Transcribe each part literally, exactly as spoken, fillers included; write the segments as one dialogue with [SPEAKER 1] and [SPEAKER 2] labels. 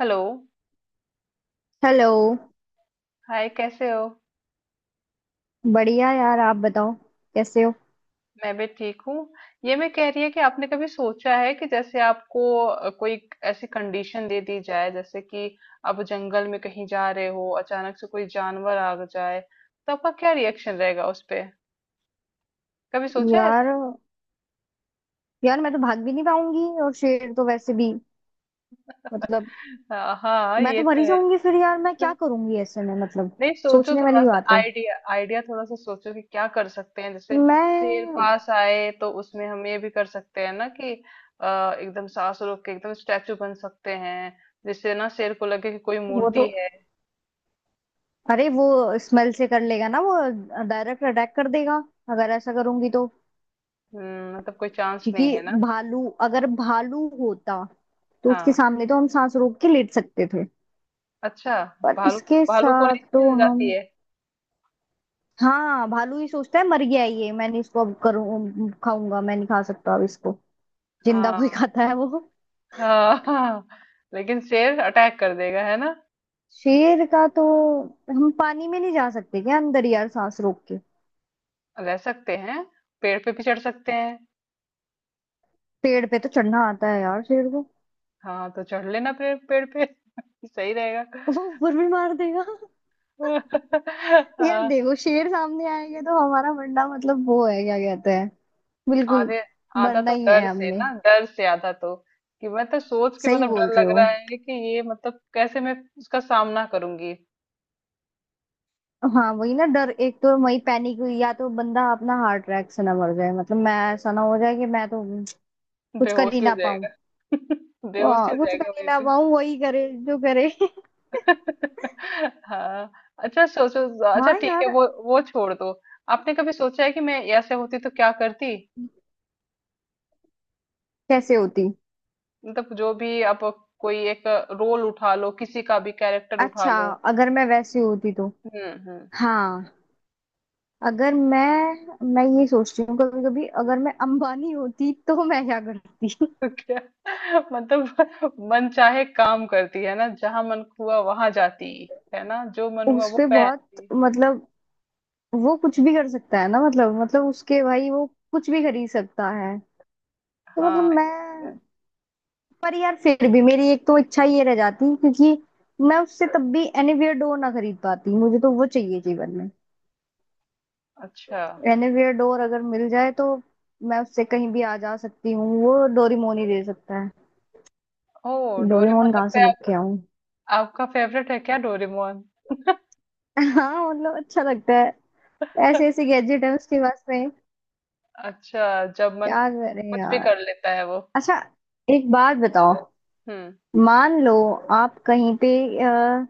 [SPEAKER 1] Hello.
[SPEAKER 2] Hello.
[SPEAKER 1] Hi कैसे हो।
[SPEAKER 2] बढ़िया यार, आप बताओ, कैसे हो?
[SPEAKER 1] मैं भी ठीक हूँ। ये मैं कह रही है कि आपने कभी सोचा है कि जैसे आपको अ, कोई ऐसी कंडीशन दे दी जाए जैसे कि आप जंगल में कहीं जा रहे हो अचानक से कोई जानवर आ जाए तो आपका क्या रिएक्शन रहेगा उस पे। कभी सोचा है
[SPEAKER 2] यार,
[SPEAKER 1] ऐसे।
[SPEAKER 2] यार मैं तो भाग भी नहीं पाऊंगी, और शेर तो वैसे भी मतलब
[SPEAKER 1] हाँ हाँ,
[SPEAKER 2] मैं
[SPEAKER 1] ये
[SPEAKER 2] तो मर
[SPEAKER 1] तो
[SPEAKER 2] ही
[SPEAKER 1] है।
[SPEAKER 2] जाऊंगी। फिर यार मैं क्या करूंगी ऐसे में? मतलब
[SPEAKER 1] नहीं सोचो
[SPEAKER 2] सोचने
[SPEAKER 1] थोड़ा
[SPEAKER 2] वाली
[SPEAKER 1] सा,
[SPEAKER 2] बात है।
[SPEAKER 1] आइडिया आइडिया थोड़ा सा सोचो कि क्या कर सकते हैं। जैसे शेर
[SPEAKER 2] मैं
[SPEAKER 1] पास आए तो उसमें हम ये भी कर सकते हैं ना कि अ, एकदम सांस रोक के एकदम स्टैचू बन सकते हैं, जिससे ना शेर को लगे कि कोई
[SPEAKER 2] वो तो
[SPEAKER 1] मूर्ति है।
[SPEAKER 2] अरे, वो स्मेल से कर लेगा ना वो। डायरेक्ट अटैक कर देगा अगर ऐसा करूंगी तो।
[SPEAKER 1] हम्म, मतलब कोई चांस
[SPEAKER 2] क्योंकि
[SPEAKER 1] नहीं है ना।
[SPEAKER 2] भालू अगर भालू होता तो उसके
[SPEAKER 1] हाँ,
[SPEAKER 2] सामने तो हम सांस रोक के लेट सकते थे।
[SPEAKER 1] अच्छा।
[SPEAKER 2] पर
[SPEAKER 1] भालू,
[SPEAKER 2] इसके
[SPEAKER 1] भालू को
[SPEAKER 2] साथ
[SPEAKER 1] नहीं
[SPEAKER 2] तो
[SPEAKER 1] मिल
[SPEAKER 2] हम,
[SPEAKER 1] जाती है।
[SPEAKER 2] हाँ, भालू ये सोचता है मर गया है ये, मैंने इसको अब करूँ, खाऊंगा मैं नहीं खा सकता अब इसको। जिंदा कोई
[SPEAKER 1] हाँ
[SPEAKER 2] खाता है वो?
[SPEAKER 1] हाँ हाँ, लेकिन शेर अटैक कर देगा है ना।
[SPEAKER 2] शेर का तो हम पानी में नहीं जा सकते क्या अंदर, यार, सांस रोक के?
[SPEAKER 1] रह सकते हैं, पेड़ पे भी चढ़ सकते हैं।
[SPEAKER 2] पेड़ पे तो चढ़ना आता है यार शेर को।
[SPEAKER 1] हाँ तो चढ़ लेना पेड़ पेड़ पे। सही रहेगा।
[SPEAKER 2] वो ऊपर भी मार देगा। यार
[SPEAKER 1] हाँ,
[SPEAKER 2] देखो, शेर सामने आएगा तो हमारा मरना मतलब वो है, क्या कहते हैं, बिल्कुल
[SPEAKER 1] आधे आधा
[SPEAKER 2] मरना
[SPEAKER 1] तो
[SPEAKER 2] ही है
[SPEAKER 1] डर से
[SPEAKER 2] हमने।
[SPEAKER 1] ना, डर से आधा तो। कि मैं तो सोच के
[SPEAKER 2] सही
[SPEAKER 1] मतलब
[SPEAKER 2] बोल
[SPEAKER 1] डर
[SPEAKER 2] रहे
[SPEAKER 1] लग
[SPEAKER 2] हो।
[SPEAKER 1] रहा है कि ये मतलब कैसे मैं उसका सामना करूंगी।
[SPEAKER 2] हाँ वही ना, डर एक तो वही पैनिक हुई, या तो बंदा अपना हार्ट अटैक से ना मर जाए। मतलब मैं, ऐसा ना हो जाए कि मैं तो कुछ कर ही
[SPEAKER 1] बेहोशी हो
[SPEAKER 2] ना पाऊं।
[SPEAKER 1] जाएगा। बेहोशी
[SPEAKER 2] आ,
[SPEAKER 1] हो
[SPEAKER 2] कुछ कर
[SPEAKER 1] जाएगा
[SPEAKER 2] ही
[SPEAKER 1] वही
[SPEAKER 2] ना
[SPEAKER 1] पे।
[SPEAKER 2] पाऊं, वही करे जो करे।
[SPEAKER 1] हाँ। अच्छा सोचो, अच्छा
[SPEAKER 2] हाँ
[SPEAKER 1] ठीक है,
[SPEAKER 2] यार।
[SPEAKER 1] वो वो छोड़ दो। आपने कभी सोचा है कि मैं ऐसे होती तो क्या करती।
[SPEAKER 2] कैसे होती?
[SPEAKER 1] मतलब जो भी आप, कोई एक रोल उठा लो, किसी का भी कैरेक्टर उठा
[SPEAKER 2] अच्छा,
[SPEAKER 1] लो।
[SPEAKER 2] अगर मैं वैसी होती तो,
[SPEAKER 1] हम्म हम्म।
[SPEAKER 2] हाँ, अगर मैं मैं ये सोचती हूँ कभी कभी, अगर मैं अंबानी होती तो मैं क्या करती।
[SPEAKER 1] तो क्या। मतलब मन चाहे काम करती है ना, जहां मन हुआ वहां जाती है ना, जो मन हुआ
[SPEAKER 2] उस
[SPEAKER 1] वो
[SPEAKER 2] पे बहुत,
[SPEAKER 1] पहनती।
[SPEAKER 2] मतलब वो कुछ भी कर सकता है ना। मतलब मतलब उसके भाई वो कुछ भी खरीद सकता है। तो
[SPEAKER 1] हाँ
[SPEAKER 2] मतलब
[SPEAKER 1] ये तो
[SPEAKER 2] मैं,
[SPEAKER 1] है।
[SPEAKER 2] पर यार फिर भी मेरी एक तो इच्छा ये रह जाती क्योंकि मैं उससे तब भी एनीवेयर डोर ना खरीद पाती। मुझे तो वो चाहिए जीवन में।
[SPEAKER 1] अच्छा।
[SPEAKER 2] रेनोवेयर डोर अगर मिल जाए तो मैं उससे कहीं भी आ जा सकती हूँ। वो डोरेमोन ही दे सकता है।
[SPEAKER 1] ओ, डोरेमोन
[SPEAKER 2] डोरेमोन कहाँ
[SPEAKER 1] लगता
[SPEAKER 2] से
[SPEAKER 1] है आप,
[SPEAKER 2] लेके आऊँ?
[SPEAKER 1] आपका फेवरेट है क्या डोरेमोन।
[SPEAKER 2] हाँ मतलब अच्छा लगता है। ऐसे ऐसे गैजेट है उसके पास में,
[SPEAKER 1] अच्छा जब मन,
[SPEAKER 2] क्या करें
[SPEAKER 1] कुछ भी
[SPEAKER 2] यार।
[SPEAKER 1] कर लेता है वो।
[SPEAKER 2] अच्छा, एक बात बताओ।
[SPEAKER 1] हम्म।
[SPEAKER 2] मान लो आप कहीं पे, अ,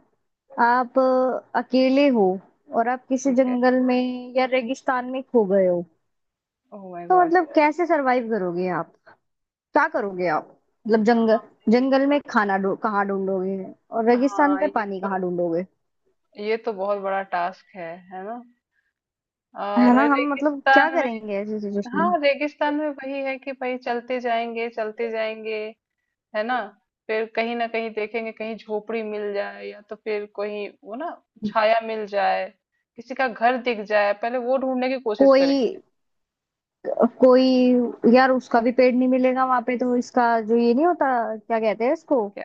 [SPEAKER 2] आप अ, अकेले हो, और आप किसी
[SPEAKER 1] ठीक है।
[SPEAKER 2] जंगल में या रेगिस्तान में खो गए हो,
[SPEAKER 1] ओह माय
[SPEAKER 2] तो
[SPEAKER 1] गॉड।
[SPEAKER 2] मतलब कैसे सरवाइव करोगे आप? क्या करोगे आप? मतलब जंगल जंगल में खाना ढू कहाँ ढूंढोगे? और रेगिस्तान
[SPEAKER 1] हाँ
[SPEAKER 2] में
[SPEAKER 1] ये
[SPEAKER 2] पानी
[SPEAKER 1] तो,
[SPEAKER 2] कहाँ ढूंढोगे?
[SPEAKER 1] ये तो बहुत बड़ा टास्क है है ना।
[SPEAKER 2] है
[SPEAKER 1] और
[SPEAKER 2] ना? हम मतलब क्या
[SPEAKER 1] रेगिस्तान में,
[SPEAKER 2] करेंगे ऐसी सिचुएशन में?
[SPEAKER 1] हाँ रेगिस्तान में वही है कि भाई चलते जाएंगे चलते जाएंगे, है ना। फिर कहीं ना कहीं देखेंगे, कहीं झोपड़ी मिल जाए, या तो फिर कोई वो ना, छाया मिल जाए, किसी का घर दिख जाए, पहले वो ढूंढने की कोशिश
[SPEAKER 2] कोई
[SPEAKER 1] करेंगे।
[SPEAKER 2] कोई यार, उसका भी पेड़ नहीं मिलेगा वहां पे तो, इसका जो ये नहीं होता, क्या कहते हैं इसको,
[SPEAKER 1] क्या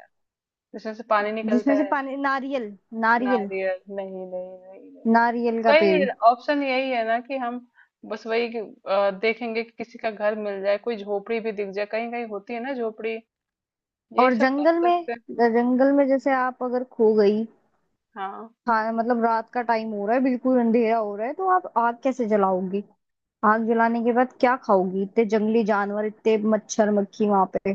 [SPEAKER 1] जिसमें से पानी निकलता
[SPEAKER 2] जिसमें से
[SPEAKER 1] है।
[SPEAKER 2] पानी, नारियल, नारियल,
[SPEAKER 1] नारियल नहीं नहीं नहीं नहीं।
[SPEAKER 2] नारियल का पेड़।
[SPEAKER 1] वही ऑप्शन यही है ना कि हम, बस वही कि, अ, देखेंगे कि किसी का घर मिल जाए, कोई झोपड़ी भी दिख जाए, कहीं कहीं होती है ना झोपड़ी। यही
[SPEAKER 2] और
[SPEAKER 1] सब कर
[SPEAKER 2] जंगल में,
[SPEAKER 1] सकते हैं।
[SPEAKER 2] जंगल में जैसे आप अगर खो गई,
[SPEAKER 1] हाँ,
[SPEAKER 2] हाँ, मतलब रात का टाइम हो रहा है, बिल्कुल अंधेरा हो रहा है, तो आप आग कैसे जलाओगी? आग जलाने के बाद क्या खाओगी? इतने जंगली जानवर, इतने मच्छर मक्खी वहां पे।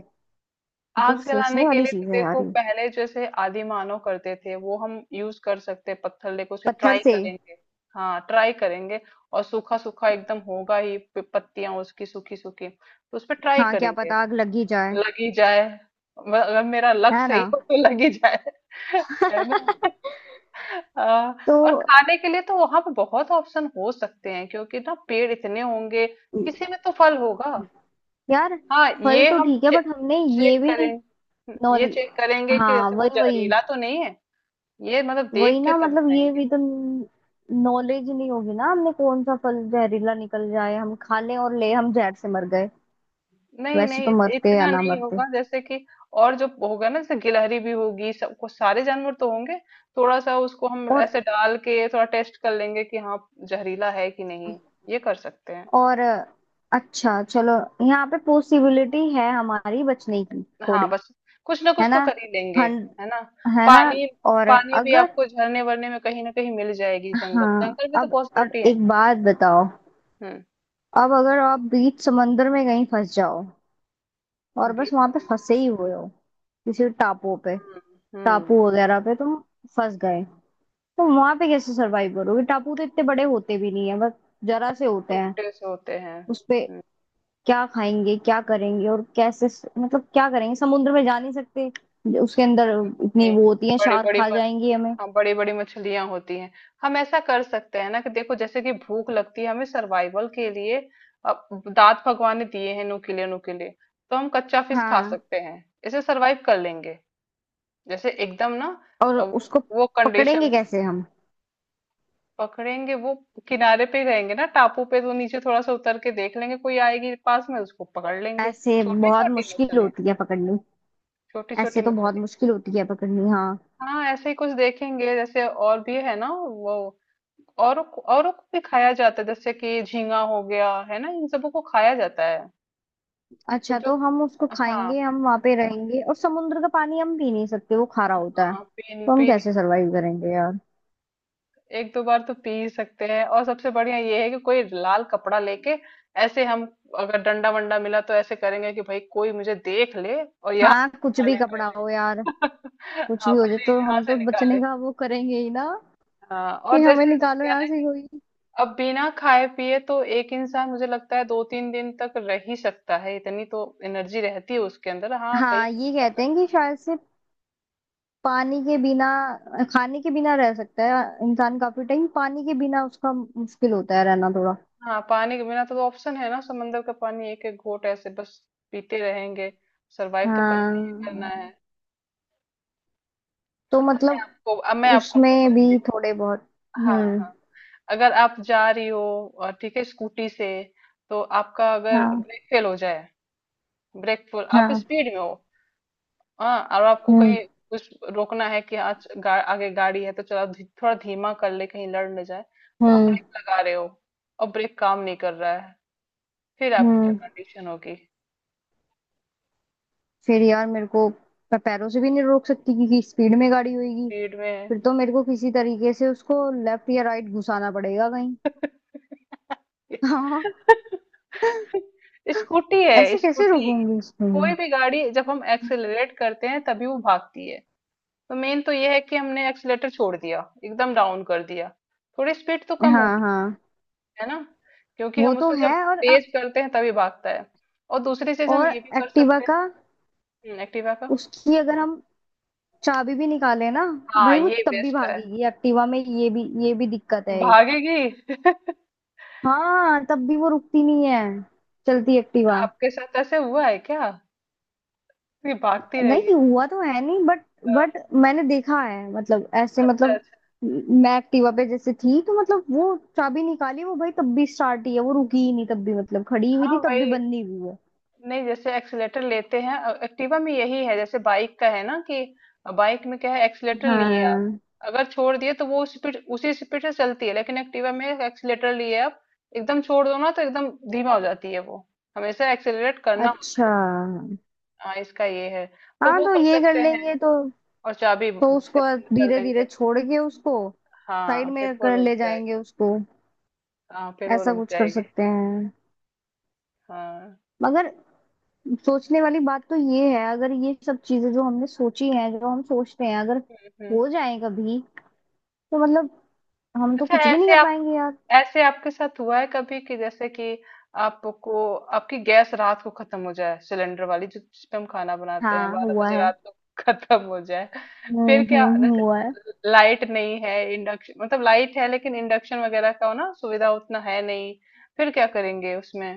[SPEAKER 2] मतलब
[SPEAKER 1] आग जलाने
[SPEAKER 2] सोचने
[SPEAKER 1] के
[SPEAKER 2] वाली
[SPEAKER 1] लिए तो
[SPEAKER 2] चीज है यार
[SPEAKER 1] देखो
[SPEAKER 2] ये।
[SPEAKER 1] पहले जैसे आदि मानव करते थे वो हम यूज कर सकते हैं, पत्थर लेके उसे
[SPEAKER 2] पत्थर
[SPEAKER 1] ट्राई
[SPEAKER 2] से?
[SPEAKER 1] करेंगे। हाँ ट्राई करेंगे, और सूखा सूखा एकदम होगा ही, पत्तियां उसकी सूखी सूखी, तो उस पर ट्राई
[SPEAKER 2] हाँ, क्या
[SPEAKER 1] करेंगे।
[SPEAKER 2] पता आग लग ही जाए।
[SPEAKER 1] लग ही जाए, म- अगर मेरा लक
[SPEAKER 2] है ना।
[SPEAKER 1] सही हो तो लग ही जाए। है ना। आ,
[SPEAKER 2] तो
[SPEAKER 1] और खाने के लिए तो वहां पे बहुत ऑप्शन हो सकते हैं, क्योंकि ना पेड़ इतने होंगे, किसी में तो फल होगा।
[SPEAKER 2] यार,
[SPEAKER 1] हाँ
[SPEAKER 2] फल
[SPEAKER 1] ये
[SPEAKER 2] तो
[SPEAKER 1] हम
[SPEAKER 2] ठीक है बट हमने, ये
[SPEAKER 1] चेक
[SPEAKER 2] भी,
[SPEAKER 1] करेंगे, ये
[SPEAKER 2] नॉल,
[SPEAKER 1] चेक करेंगे कि
[SPEAKER 2] हाँ
[SPEAKER 1] जैसे वो
[SPEAKER 2] वही वही।
[SPEAKER 1] जहरीला तो नहीं है, ये मतलब
[SPEAKER 2] वही
[SPEAKER 1] देख के
[SPEAKER 2] ना,
[SPEAKER 1] तब
[SPEAKER 2] मतलब ये
[SPEAKER 1] खाएंगे।
[SPEAKER 2] भी तो नॉलेज नहीं होगी ना हमने, कौन सा फल जहरीला निकल जाए, हम खा लें और ले, हम जहर से मर गए।
[SPEAKER 1] नहीं
[SPEAKER 2] वैसे
[SPEAKER 1] नहीं,
[SPEAKER 2] तो
[SPEAKER 1] इत-
[SPEAKER 2] मरते या
[SPEAKER 1] इतना
[SPEAKER 2] ना
[SPEAKER 1] नहीं
[SPEAKER 2] मरते।
[SPEAKER 1] होगा, जैसे कि, और जो होगा ना जैसे गिलहरी भी होगी, सबको, सारे जानवर तो होंगे, थोड़ा सा उसको हम
[SPEAKER 2] और
[SPEAKER 1] ऐसे डाल के थोड़ा टेस्ट कर लेंगे कि हाँ जहरीला है कि नहीं, ये कर सकते हैं।
[SPEAKER 2] और अच्छा चलो। यहाँ पे पॉसिबिलिटी है हमारी बचने की,
[SPEAKER 1] हाँ
[SPEAKER 2] थोड़ी।
[SPEAKER 1] बस, कुछ ना
[SPEAKER 2] है
[SPEAKER 1] कुछ तो
[SPEAKER 2] ना।
[SPEAKER 1] कर ही लेंगे,
[SPEAKER 2] हन।
[SPEAKER 1] है ना।
[SPEAKER 2] है ना।
[SPEAKER 1] पानी,
[SPEAKER 2] और
[SPEAKER 1] पानी भी
[SPEAKER 2] अगर,
[SPEAKER 1] आपको झरने वरने में कहीं ना कहीं मिल जाएगी, जंगल
[SPEAKER 2] हाँ,
[SPEAKER 1] जंगल में तो
[SPEAKER 2] अब, अब
[SPEAKER 1] पॉसिबिलिटी है।
[SPEAKER 2] एक बात बताओ।
[SPEAKER 1] हम्म।
[SPEAKER 2] अब अगर आप बीच समंदर में कहीं फंस जाओ और बस
[SPEAKER 1] बी-
[SPEAKER 2] वहां पे फंसे ही हुए हो, किसी टापू पे,
[SPEAKER 1] हुँ,
[SPEAKER 2] टापू
[SPEAKER 1] हुँ,
[SPEAKER 2] वगैरह पे तुम फंस गए, तो वहां पे कैसे सरवाइव करोगे? टापू तो इतने बड़े होते भी नहीं है, बस जरा से होते हैं
[SPEAKER 1] छोटे से होते हैं।
[SPEAKER 2] उसपे।
[SPEAKER 1] हुँ,
[SPEAKER 2] क्या खाएंगे, क्या करेंगे, और कैसे? मतलब क्या करेंगे? समुद्र में जा नहीं सकते उसके अंदर, इतनी
[SPEAKER 1] इनमें
[SPEAKER 2] वो होती है, शार्क
[SPEAKER 1] बड़ी-बड़ी
[SPEAKER 2] खा
[SPEAKER 1] म
[SPEAKER 2] जाएंगी हमें।
[SPEAKER 1] हाँ, बड़ी-बड़ी मछलियाँ होती हैं। हम ऐसा कर सकते हैं ना कि देखो जैसे कि भूख लगती है हमें, सर्वाइवल के लिए अ, दाँत भगवान ने दिए हैं नुकीले-नुकीले, तो हम कच्चा फिश खा
[SPEAKER 2] हाँ।
[SPEAKER 1] सकते हैं। इसे सर्वाइव कर लेंगे। जैसे एकदम ना,
[SPEAKER 2] और
[SPEAKER 1] अ, वो
[SPEAKER 2] उसको
[SPEAKER 1] वो कंडीशन,
[SPEAKER 2] पकड़ेंगे कैसे हम?
[SPEAKER 1] पकड़ेंगे वो, किनारे पे ही रहेंगे ना टापू पे, तो नीचे थोड़ा-सा उतर के देख लेंगे, कोई आएगी पास में उसको पकड़ लेंगे।
[SPEAKER 2] ऐसे बहुत
[SPEAKER 1] छोटी-छोटी
[SPEAKER 2] मुश्किल
[SPEAKER 1] मछलियाँ,
[SPEAKER 2] होती है पकड़नी।
[SPEAKER 1] छोटी-छोटी
[SPEAKER 2] ऐसे तो बहुत
[SPEAKER 1] मछलियाँ।
[SPEAKER 2] मुश्किल होती है पकड़नी हाँ।
[SPEAKER 1] हाँ ऐसे ही कुछ देखेंगे, जैसे और भी है ना वो, और औरों को भी खाया जाता है, जैसे कि झींगा हो गया, है ना, इन सबों को खाया जाता है। तो
[SPEAKER 2] अच्छा,
[SPEAKER 1] जो,
[SPEAKER 2] तो हम उसको
[SPEAKER 1] हाँ
[SPEAKER 2] खाएंगे, हम वहां पे रहेंगे। और समुद्र का पानी हम पी नहीं सकते, वो खारा होता है।
[SPEAKER 1] हाँ, पीने
[SPEAKER 2] तो हम
[SPEAKER 1] पीने
[SPEAKER 2] कैसे सरवाइव करेंगे यार?
[SPEAKER 1] एक दो बार तो पी ही सकते हैं, और सबसे बढ़िया ये है कि कोई लाल कपड़ा लेके ऐसे हम, अगर डंडा वंडा मिला तो ऐसे करेंगे कि भाई कोई मुझे देख ले और यहाँ
[SPEAKER 2] हाँ, कुछ
[SPEAKER 1] से
[SPEAKER 2] भी
[SPEAKER 1] निकाले
[SPEAKER 2] कपड़ा
[SPEAKER 1] पहले।
[SPEAKER 2] हो यार, कुछ
[SPEAKER 1] हाँ
[SPEAKER 2] भी हो जाए
[SPEAKER 1] पहले
[SPEAKER 2] तो
[SPEAKER 1] यहाँ
[SPEAKER 2] हम तो
[SPEAKER 1] से
[SPEAKER 2] बचने
[SPEAKER 1] निकाले,
[SPEAKER 2] का वो करेंगे ही ना,
[SPEAKER 1] हाँ
[SPEAKER 2] कि
[SPEAKER 1] और
[SPEAKER 2] हमें
[SPEAKER 1] जैसे हो
[SPEAKER 2] निकालो
[SPEAKER 1] गया
[SPEAKER 2] यहाँ से
[SPEAKER 1] ना।
[SPEAKER 2] कोई।
[SPEAKER 1] अब बिना खाए पिए तो एक इंसान मुझे लगता है दो तीन दिन तक रह ही सकता है, इतनी तो एनर्जी रहती है उसके अंदर। हाँ कई,
[SPEAKER 2] हाँ, ये कहते हैं कि शायद से पानी के बिना, खाने के बिना रह सकता है इंसान काफी टाइम। पानी के बिना उसका मुश्किल होता है रहना थोड़ा।
[SPEAKER 1] हाँ पानी के बिना तो, तो ऑप्शन है ना, समंदर का पानी एक एक घोट ऐसे बस पीते रहेंगे, सरवाइव तो करना ही करना है।
[SPEAKER 2] हाँ तो
[SPEAKER 1] अच्छा, मैं
[SPEAKER 2] मतलब
[SPEAKER 1] आपको अब मैं आपको
[SPEAKER 2] उसमें भी
[SPEAKER 1] बताती हूँ।
[SPEAKER 2] थोड़े बहुत।
[SPEAKER 1] हाँ
[SPEAKER 2] हम्म।
[SPEAKER 1] हाँ, अगर आप जा रही हो और ठीक है स्कूटी से, तो आपका अगर
[SPEAKER 2] हाँ
[SPEAKER 1] ब्रेक फेल हो जाए, ब्रेक फुल आप
[SPEAKER 2] हाँ।
[SPEAKER 1] स्पीड में हो, हाँ और आपको
[SPEAKER 2] हम्म
[SPEAKER 1] कहीं कुछ रोकना है कि आज गा, आगे गाड़ी है तो चलो धी, थोड़ा धीमा कर ले, कहीं लड़ न जाए, तो आप
[SPEAKER 2] हम्म
[SPEAKER 1] ब्रेक लगा रहे हो और ब्रेक काम नहीं कर रहा है, फिर आपकी क्या
[SPEAKER 2] हम्म।
[SPEAKER 1] कंडीशन होगी।
[SPEAKER 2] फिर यार मेरे को, मैं पैरों से भी नहीं रोक सकती क्योंकि स्पीड में गाड़ी होगी।
[SPEAKER 1] स्पीड में।
[SPEAKER 2] फिर तो मेरे को किसी तरीके से उसको लेफ्ट या राइट घुसाना पड़ेगा कहीं। हाँ,
[SPEAKER 1] स्कूटी है
[SPEAKER 2] ऐसे कैसे
[SPEAKER 1] स्कूटी।
[SPEAKER 2] रोकूंगी उसको
[SPEAKER 1] कोई
[SPEAKER 2] मैं?
[SPEAKER 1] भी गाड़ी जब हम एक्सेलरेट करते हैं तभी वो भागती है, तो मेन तो ये है कि हमने एक्सेलेटर छोड़ दिया, एकदम डाउन कर दिया, थोड़ी स्पीड तो कम हो,
[SPEAKER 2] हाँ हाँ,
[SPEAKER 1] है ना, क्योंकि
[SPEAKER 2] वो
[SPEAKER 1] हम
[SPEAKER 2] तो
[SPEAKER 1] उससे जब
[SPEAKER 2] है। और
[SPEAKER 1] तेज करते हैं तभी भागता है। और दूसरी चीज हम
[SPEAKER 2] और
[SPEAKER 1] ये भी कर
[SPEAKER 2] एक्टिवा
[SPEAKER 1] सकते हैं,
[SPEAKER 2] का,
[SPEAKER 1] हम्म, एक्टिवा का।
[SPEAKER 2] उसकी अगर हम चाबी भी निकाले ना,
[SPEAKER 1] हाँ
[SPEAKER 2] भाई वो
[SPEAKER 1] ये
[SPEAKER 2] तब भी
[SPEAKER 1] बेस्ट है।
[SPEAKER 2] भागेगी। एक्टिवा में ये भी ये भी दिक्कत है एक।
[SPEAKER 1] भागेगी।
[SPEAKER 2] हाँ तब भी वो रुकती नहीं है, चलती एक्टिवा।
[SPEAKER 1] आपके साथ ऐसे हुआ है क्या कि भागती रही है।
[SPEAKER 2] नहीं हुआ तो है नहीं बट,
[SPEAKER 1] हाँ,
[SPEAKER 2] बट मैंने देखा है, मतलब ऐसे
[SPEAKER 1] अच्छा
[SPEAKER 2] मतलब,
[SPEAKER 1] अच्छा।
[SPEAKER 2] मैं एक्टिवा पे जैसे थी तो मतलब वो चाबी निकाली, वो भाई तब भी स्टार्ट ही है, वो रुकी ही नहीं तब भी, मतलब खड़ी हुई थी
[SPEAKER 1] हाँ
[SPEAKER 2] तब भी
[SPEAKER 1] भाई,
[SPEAKER 2] बंदी हुई है।
[SPEAKER 1] नहीं जैसे एक्सीलेटर लेते हैं अ, एक्टिवा में यही है, जैसे बाइक का है ना कि, बाइक में क्या है एक्सीलेटर लिए आप,
[SPEAKER 2] हाँ।
[SPEAKER 1] अगर छोड़ दिए तो वो स्पीड उसी स्पीड से चलती है, लेकिन एक्टिवा में एक्सीलेटर लिए आप एकदम छोड़ दो ना तो एकदम धीमा हो जाती है वो, हमेशा एक्सीलरेट करना होता
[SPEAKER 2] अच्छा।
[SPEAKER 1] है। हाँ इसका ये है, तो
[SPEAKER 2] हाँ
[SPEAKER 1] वो
[SPEAKER 2] तो
[SPEAKER 1] कर
[SPEAKER 2] ये कर
[SPEAKER 1] सकते हैं
[SPEAKER 2] लेंगे तो
[SPEAKER 1] और चाबी
[SPEAKER 2] तो
[SPEAKER 1] ब- से
[SPEAKER 2] उसको
[SPEAKER 1] बंद कर
[SPEAKER 2] धीरे
[SPEAKER 1] देंगे।
[SPEAKER 2] धीरे छोड़ के उसको
[SPEAKER 1] हाँ
[SPEAKER 2] साइड
[SPEAKER 1] फिर
[SPEAKER 2] में
[SPEAKER 1] वो
[SPEAKER 2] कर
[SPEAKER 1] रुक
[SPEAKER 2] ले जाएंगे
[SPEAKER 1] जाएगी।
[SPEAKER 2] उसको।
[SPEAKER 1] हाँ फिर वो
[SPEAKER 2] ऐसा
[SPEAKER 1] रुक
[SPEAKER 2] कुछ कर
[SPEAKER 1] जाएगी।
[SPEAKER 2] सकते हैं।
[SPEAKER 1] हाँ।
[SPEAKER 2] मगर सोचने वाली बात तो ये है, अगर ये सब चीजें जो हमने सोची हैं, जो हम सोचते हैं, अगर
[SPEAKER 1] हम्म।
[SPEAKER 2] हो जाए कभी, तो मतलब हम तो
[SPEAKER 1] अच्छा
[SPEAKER 2] कुछ भी नहीं
[SPEAKER 1] ऐसे,
[SPEAKER 2] कर पाएंगे यार।
[SPEAKER 1] ऐसे आपके साथ हुआ है कभी कि जैसे कि, आपको, आपकी गैस रात को खत्म हो जाए, सिलेंडर वाली, जो जिस पे हम खाना बनाते हैं,
[SPEAKER 2] हाँ
[SPEAKER 1] बारह
[SPEAKER 2] हुआ
[SPEAKER 1] बजे
[SPEAKER 2] है।
[SPEAKER 1] रात को खत्म हो जाए,
[SPEAKER 2] हम्म
[SPEAKER 1] फिर क्या
[SPEAKER 2] हम्म हम्म, हुआ है।
[SPEAKER 1] जैसे लाइट नहीं है, इंडक्शन, मतलब लाइट है लेकिन इंडक्शन वगैरह का ना सुविधा उतना है नहीं, फिर क्या करेंगे उसमें।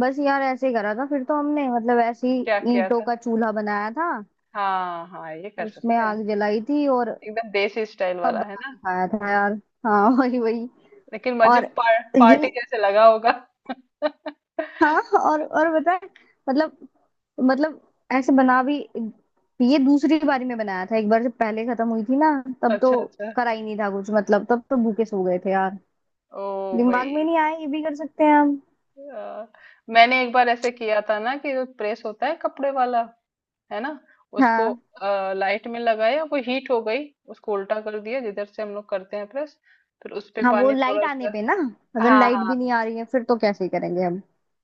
[SPEAKER 2] बस यार ऐसे ही करा था फिर तो हमने, मतलब ऐसे ही
[SPEAKER 1] क्या किया
[SPEAKER 2] ईंटों
[SPEAKER 1] था।
[SPEAKER 2] का चूल्हा बनाया था,
[SPEAKER 1] हाँ हाँ ये कर
[SPEAKER 2] उसमें
[SPEAKER 1] सकते हैं,
[SPEAKER 2] आग जलाई थी और
[SPEAKER 1] एकदम देसी स्टाइल
[SPEAKER 2] सब
[SPEAKER 1] वाला है
[SPEAKER 2] बना
[SPEAKER 1] ना।
[SPEAKER 2] के खाया था यार। हाँ वही वही।
[SPEAKER 1] लेकिन मुझे
[SPEAKER 2] और
[SPEAKER 1] पार, पार्टी
[SPEAKER 2] ये,
[SPEAKER 1] जैसे लगा होगा।
[SPEAKER 2] हाँ। और और बता। मतलब, मतलब ऐसे बना भी, ये दूसरी बारी में बनाया था। एक बार जब पहले खत्म हुई थी ना, तब तो
[SPEAKER 1] अच्छा अच्छा।
[SPEAKER 2] करा ही नहीं था कुछ, मतलब तब तो भूखे सो गए थे यार।
[SPEAKER 1] ओ
[SPEAKER 2] दिमाग
[SPEAKER 1] भाई,
[SPEAKER 2] में नहीं आया ये भी कर सकते हैं हम।
[SPEAKER 1] अ, मैंने एक बार ऐसे किया था ना कि जो प्रेस होता है कपड़े वाला, है ना, उसको
[SPEAKER 2] हाँ
[SPEAKER 1] लाइट में लगाया, वो हीट हो गई, उसको उल्टा कर दिया जिधर से हम लोग करते हैं प्रेस, फिर उस पे
[SPEAKER 2] हाँ, वो
[SPEAKER 1] पानी
[SPEAKER 2] लाइट
[SPEAKER 1] थोड़ा
[SPEAKER 2] आने
[SPEAKER 1] सा।
[SPEAKER 2] पे ना, अगर
[SPEAKER 1] हाँ
[SPEAKER 2] लाइट
[SPEAKER 1] हाँ,
[SPEAKER 2] भी नहीं आ रही है फिर तो कैसे करेंगे हम?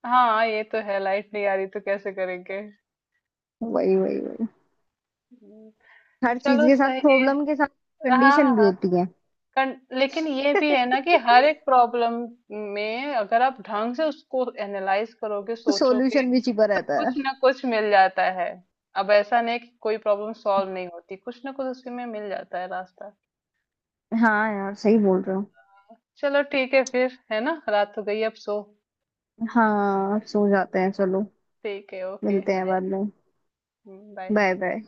[SPEAKER 1] हाँ ये तो है, लाइट नहीं आ रही तो कैसे करेंगे।
[SPEAKER 2] वही वही वही,
[SPEAKER 1] हम्म,
[SPEAKER 2] हर चीज
[SPEAKER 1] चलो
[SPEAKER 2] के साथ,
[SPEAKER 1] सही है।
[SPEAKER 2] प्रॉब्लम के साथ
[SPEAKER 1] हाँ
[SPEAKER 2] कंडीशन भी
[SPEAKER 1] हाँ,
[SPEAKER 2] होती है।
[SPEAKER 1] कन, लेकिन ये भी है ना कि हर एक प्रॉब्लम में अगर आप ढंग से उसको एनालाइज करोगे
[SPEAKER 2] तो
[SPEAKER 1] सोचोगे
[SPEAKER 2] सॉल्यूशन भी छिपा
[SPEAKER 1] तो
[SPEAKER 2] रहता है।
[SPEAKER 1] कुछ ना कुछ मिल जाता है। अब ऐसा नहीं कि कोई प्रॉब्लम सॉल्व नहीं होती, कुछ ना कुछ उसी में मिल जाता है रास्ता।
[SPEAKER 2] हाँ यार सही बोल रहे हो।
[SPEAKER 1] चलो ठीक है फिर, है ना, रात हो गई, अब सो।
[SPEAKER 2] हाँ सो जाते हैं चलो।
[SPEAKER 1] ठीक है, ओके
[SPEAKER 2] मिलते हैं
[SPEAKER 1] बाय।
[SPEAKER 2] बाद में।
[SPEAKER 1] बाय।
[SPEAKER 2] Bye bye.